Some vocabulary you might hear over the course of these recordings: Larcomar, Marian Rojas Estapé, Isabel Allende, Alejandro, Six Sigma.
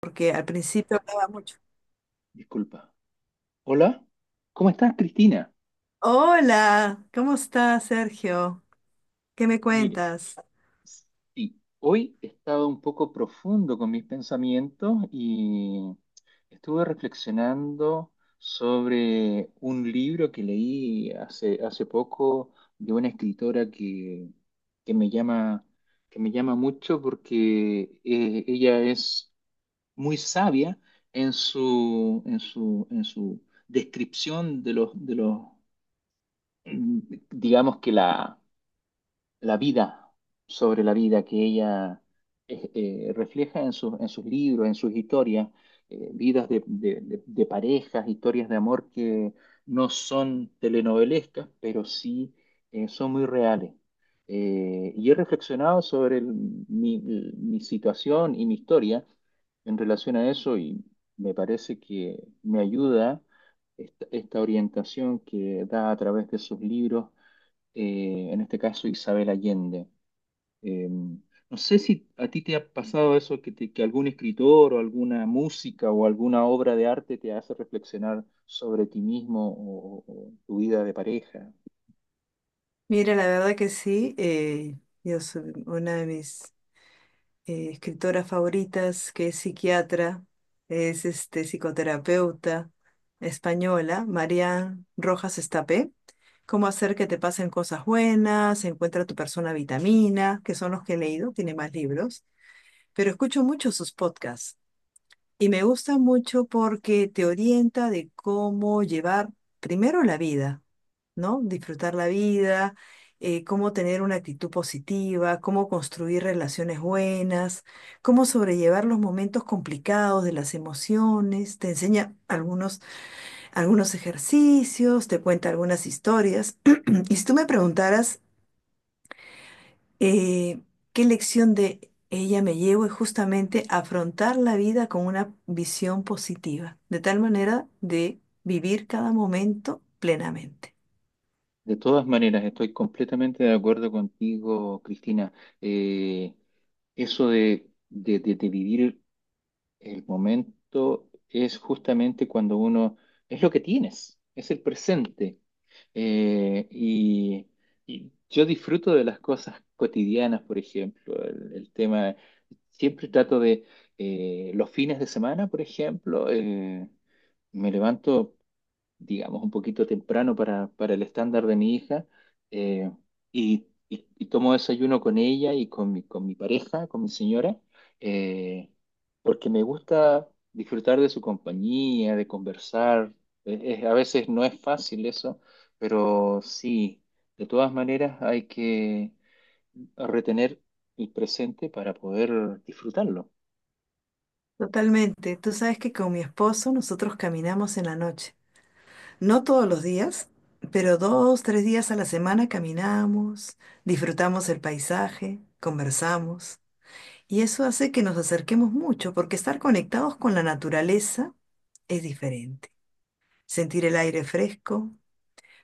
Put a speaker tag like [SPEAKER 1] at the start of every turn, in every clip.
[SPEAKER 1] Porque al principio hablaba mucho.
[SPEAKER 2] Disculpa. Hola, ¿cómo estás, Cristina?
[SPEAKER 1] Hola, ¿cómo estás, Sergio? ¿Qué me
[SPEAKER 2] Mire,
[SPEAKER 1] cuentas?
[SPEAKER 2] sí, hoy he estado un poco profundo con mis pensamientos y estuve reflexionando sobre un libro que leí hace poco de una escritora que me que me llama mucho porque ella es muy sabia en en su descripción de de los mm, digamos que la vida sobre la vida que ella eh, refleja en en sus libros, en sus historias, vidas de, de parejas, historias de amor que no son telenovelescas, pero sí son muy reales. Y he reflexionado sobre mi situación y mi historia en relación a eso, y me parece que me ayuda esta orientación que da a través de sus libros, en este caso Isabel Allende. Eh, no sé si a ti te ha pasado eso, que algún escritor o alguna música o alguna obra de arte te hace reflexionar sobre ti mismo o tu vida de pareja.
[SPEAKER 1] Mira, la verdad que sí, yo soy una de mis escritoras favoritas, que es psiquiatra, es este, psicoterapeuta española, Marian Rojas Estapé. Cómo hacer que te pasen cosas buenas, encuentra tu persona vitamina, que son los que he leído, tiene más libros, pero escucho mucho sus podcasts. Y me gusta mucho porque te orienta de cómo llevar primero la vida, ¿no? Disfrutar la vida, cómo tener una actitud positiva, cómo construir relaciones buenas, cómo sobrellevar los momentos complicados de las emociones. Te enseña algunos, algunos ejercicios, te cuenta algunas historias. Y si tú me preguntaras eh, ¿qué lección de ella me llevo? Es justamente afrontar la vida con una visión positiva, de tal manera de vivir cada momento plenamente.
[SPEAKER 2] De todas maneras, estoy completamente de acuerdo contigo, Cristina. Eh, Eso de, de vivir el momento es justamente cuando uno, es lo que tienes, es el presente. Eh, y, y yo disfruto de las cosas cotidianas, por ejemplo, el tema, siempre trato de, los fines de semana, por ejemplo, me levanto, digamos, un poquito temprano para el estándar de mi hija, eh, y tomo desayuno con ella y con con mi pareja, con mi señora, eh, porque me gusta disfrutar de su compañía, de conversar. A veces no es fácil eso, pero sí, de todas maneras hay que retener el presente para poder disfrutarlo.
[SPEAKER 1] Totalmente. Tú sabes que con mi esposo nosotros caminamos en la noche. No todos los días, pero dos, tres días a la semana caminamos, disfrutamos el paisaje, conversamos. Y eso hace que nos acerquemos mucho, porque estar conectados con la naturaleza es diferente. Sentir el aire fresco,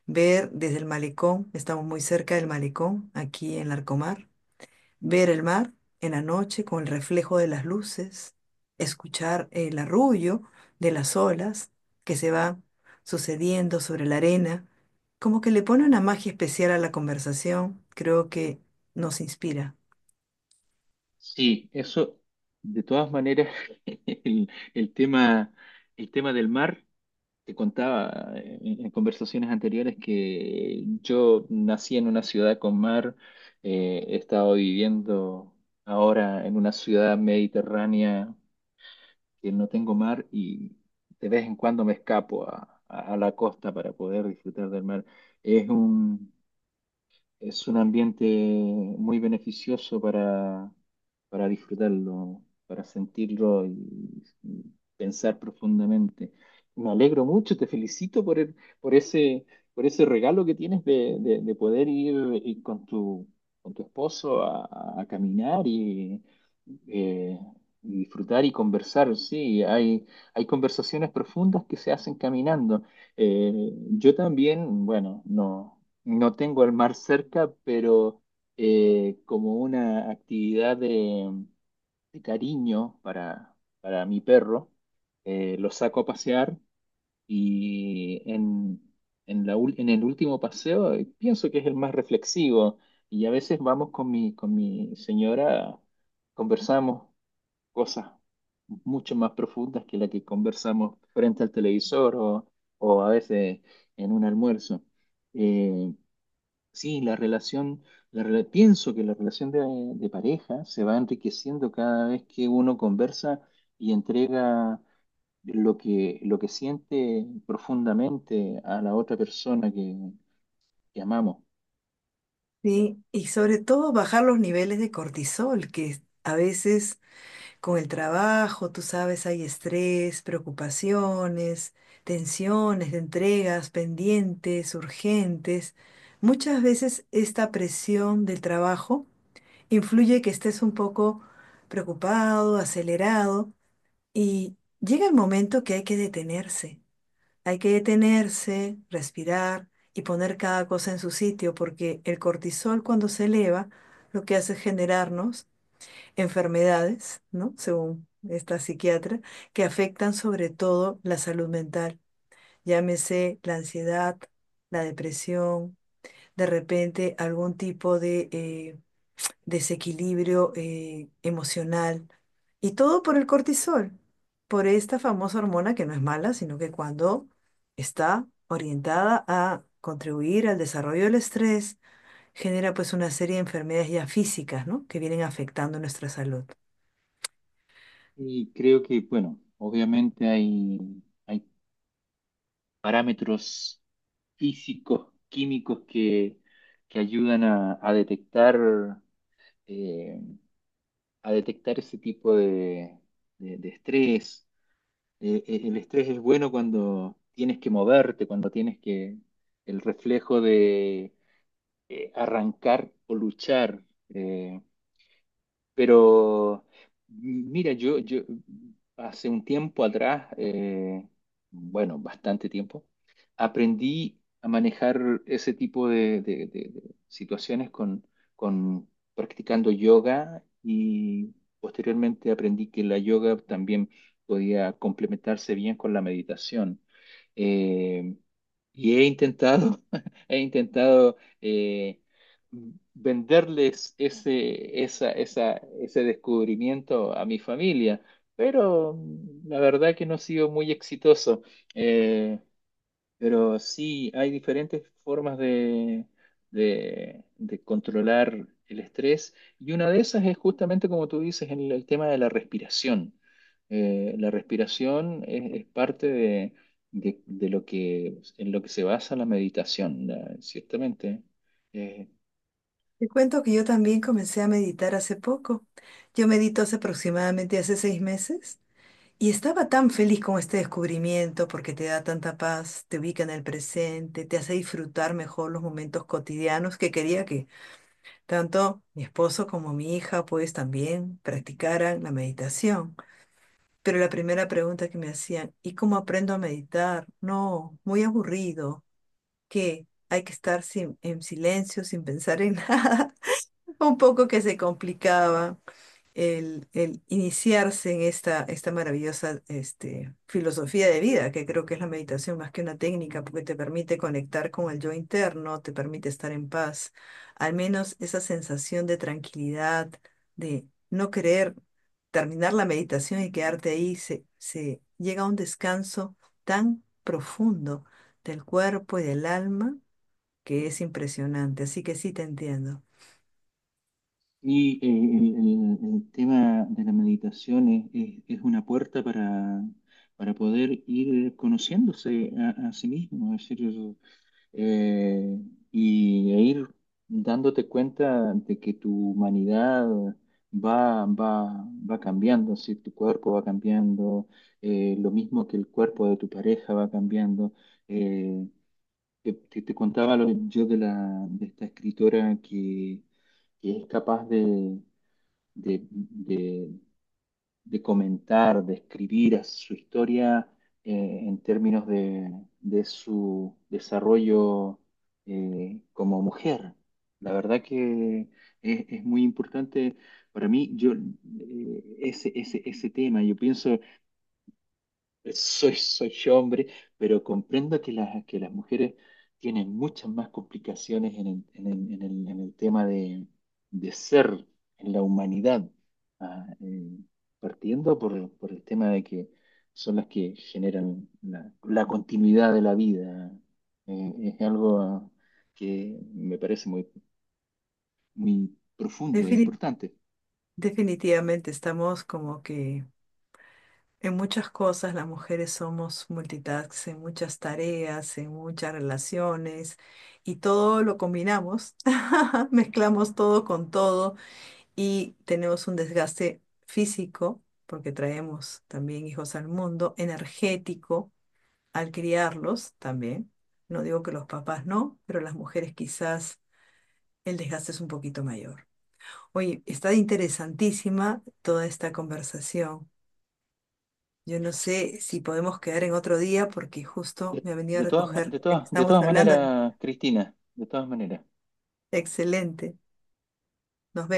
[SPEAKER 1] ver desde el malecón, estamos muy cerca del malecón, aquí en Larcomar, ver el mar en la noche con el reflejo de las luces, escuchar el arrullo de las olas que se van sucediendo sobre la arena, como que le pone una magia especial a la conversación, creo que nos inspira.
[SPEAKER 2] Sí, eso, de todas maneras, el, el tema, el tema del mar. Te contaba en conversaciones anteriores que yo nací en una ciudad con mar. He estado viviendo ahora en una ciudad mediterránea que no tengo mar, y de vez en cuando me escapo a, a la costa para poder disfrutar del mar. Es un, es un ambiente muy beneficioso para disfrutarlo, para sentirlo y pensar profundamente. Me alegro mucho, te felicito por ese, por ese regalo que tienes de, de poder ir, ir con con tu esposo a caminar eh, y disfrutar y conversar. Sí, hay conversaciones profundas que se hacen caminando. Eh, yo también, bueno, no. No tengo el mar cerca, pero, como una actividad de cariño para mi perro, lo saco a pasear y en la en el último paseo, pienso que es el más reflexivo, y a veces vamos con con mi señora, conversamos cosas mucho más profundas que la que conversamos frente al televisor, o a veces en un almuerzo. Eh, Sí, la pienso que la relación de pareja se va enriqueciendo cada vez que uno conversa y entrega lo lo que siente profundamente a la otra persona que amamos.
[SPEAKER 1] Sí, y sobre todo bajar los niveles de cortisol, que a veces con el trabajo, tú sabes, hay estrés, preocupaciones, tensiones de entregas pendientes, urgentes. Muchas veces esta presión del trabajo influye que estés un poco preocupado, acelerado y llega el momento que hay que detenerse. Hay que detenerse, respirar y poner cada cosa en su sitio porque el cortisol cuando se eleva lo que hace es generarnos enfermedades, ¿no? Según esta psiquiatra, que afectan sobre todo la salud mental. Llámese la ansiedad, la depresión, de repente algún tipo de desequilibrio emocional. Y todo por el cortisol, por esta famosa hormona que no es mala, sino que cuando está orientada a contribuir al desarrollo del estrés, genera pues una serie de enfermedades ya físicas, ¿no? Que vienen afectando nuestra salud.
[SPEAKER 2] Y creo que, bueno, obviamente hay parámetros físicos, químicos que ayudan eh, a detectar ese tipo de, de estrés. El estrés es bueno cuando tienes que moverte, cuando tienes que, el reflejo de, arrancar o luchar. eh, pero mira, yo hace un tiempo atrás, bueno, bastante tiempo, aprendí a manejar ese tipo de, de situaciones con practicando yoga, y posteriormente aprendí que la yoga también podía complementarse bien con la meditación. Eh, y he intentado, he intentado, venderles ese descubrimiento a mi familia, pero la verdad que no ha sido muy exitoso. Eh, pero sí, hay diferentes formas de, de controlar el estrés, y una de esas es justamente como tú dices, en el tema de la respiración. La respiración es parte de, de lo que, en lo que se basa la meditación, ciertamente. Eh,
[SPEAKER 1] Te cuento que yo también comencé a meditar hace poco. Yo medito hace aproximadamente hace 6 meses y estaba tan feliz con este descubrimiento porque te da tanta paz, te ubica en el presente, te hace disfrutar mejor los momentos cotidianos que quería que tanto mi esposo como mi hija pues también practicaran la meditación. Pero la primera pregunta que me hacían, ¿y cómo aprendo a meditar? No, muy aburrido, que hay que estar en silencio, sin pensar en nada. Un poco que se complicaba el iniciarse en esta, esta maravillosa este, filosofía de vida, que creo que es la meditación más que una técnica, porque te permite conectar con el yo interno, te permite estar en paz, al menos esa sensación de tranquilidad, de no querer terminar la meditación y quedarte ahí, se llega a un descanso tan profundo del cuerpo y del alma que es impresionante. Así que sí te entiendo.
[SPEAKER 2] el tema de la meditación es, es una puerta para poder ir conociéndose a sí mismo. Es decir, eh, y e ir dándote cuenta de que tu humanidad va, va cambiando, si tu cuerpo va cambiando, lo mismo que el cuerpo de tu pareja va cambiando. Eh, Te contaba yo de esta escritora que es capaz de, de, de comentar, de escribir su historia, en términos de su desarrollo, como mujer. La verdad que es muy importante para mí. Yo, ese, ese tema, yo pienso, soy hombre, pero comprendo que que las mujeres tienen muchas más complicaciones en en el tema de ser, en la humanidad. Ah, eh, Partiendo por el tema de que son las que generan la continuidad de la vida. Es algo, que me parece muy, muy profundo e importante.
[SPEAKER 1] Definitivamente estamos como que en muchas cosas las mujeres somos multitask, en muchas tareas, en muchas relaciones y todo lo combinamos, mezclamos todo con todo y tenemos un desgaste físico porque traemos también hijos al mundo, energético al criarlos también. No digo que los papás no, pero las mujeres quizás el desgaste es un poquito mayor. Oye, está interesantísima toda esta conversación. Yo no sé si podemos quedar en otro día porque justo me ha venido a recoger de que
[SPEAKER 2] De
[SPEAKER 1] estamos
[SPEAKER 2] todas
[SPEAKER 1] hablando.
[SPEAKER 2] maneras, Cristina, de todas maneras.
[SPEAKER 1] Excelente. Nos vemos.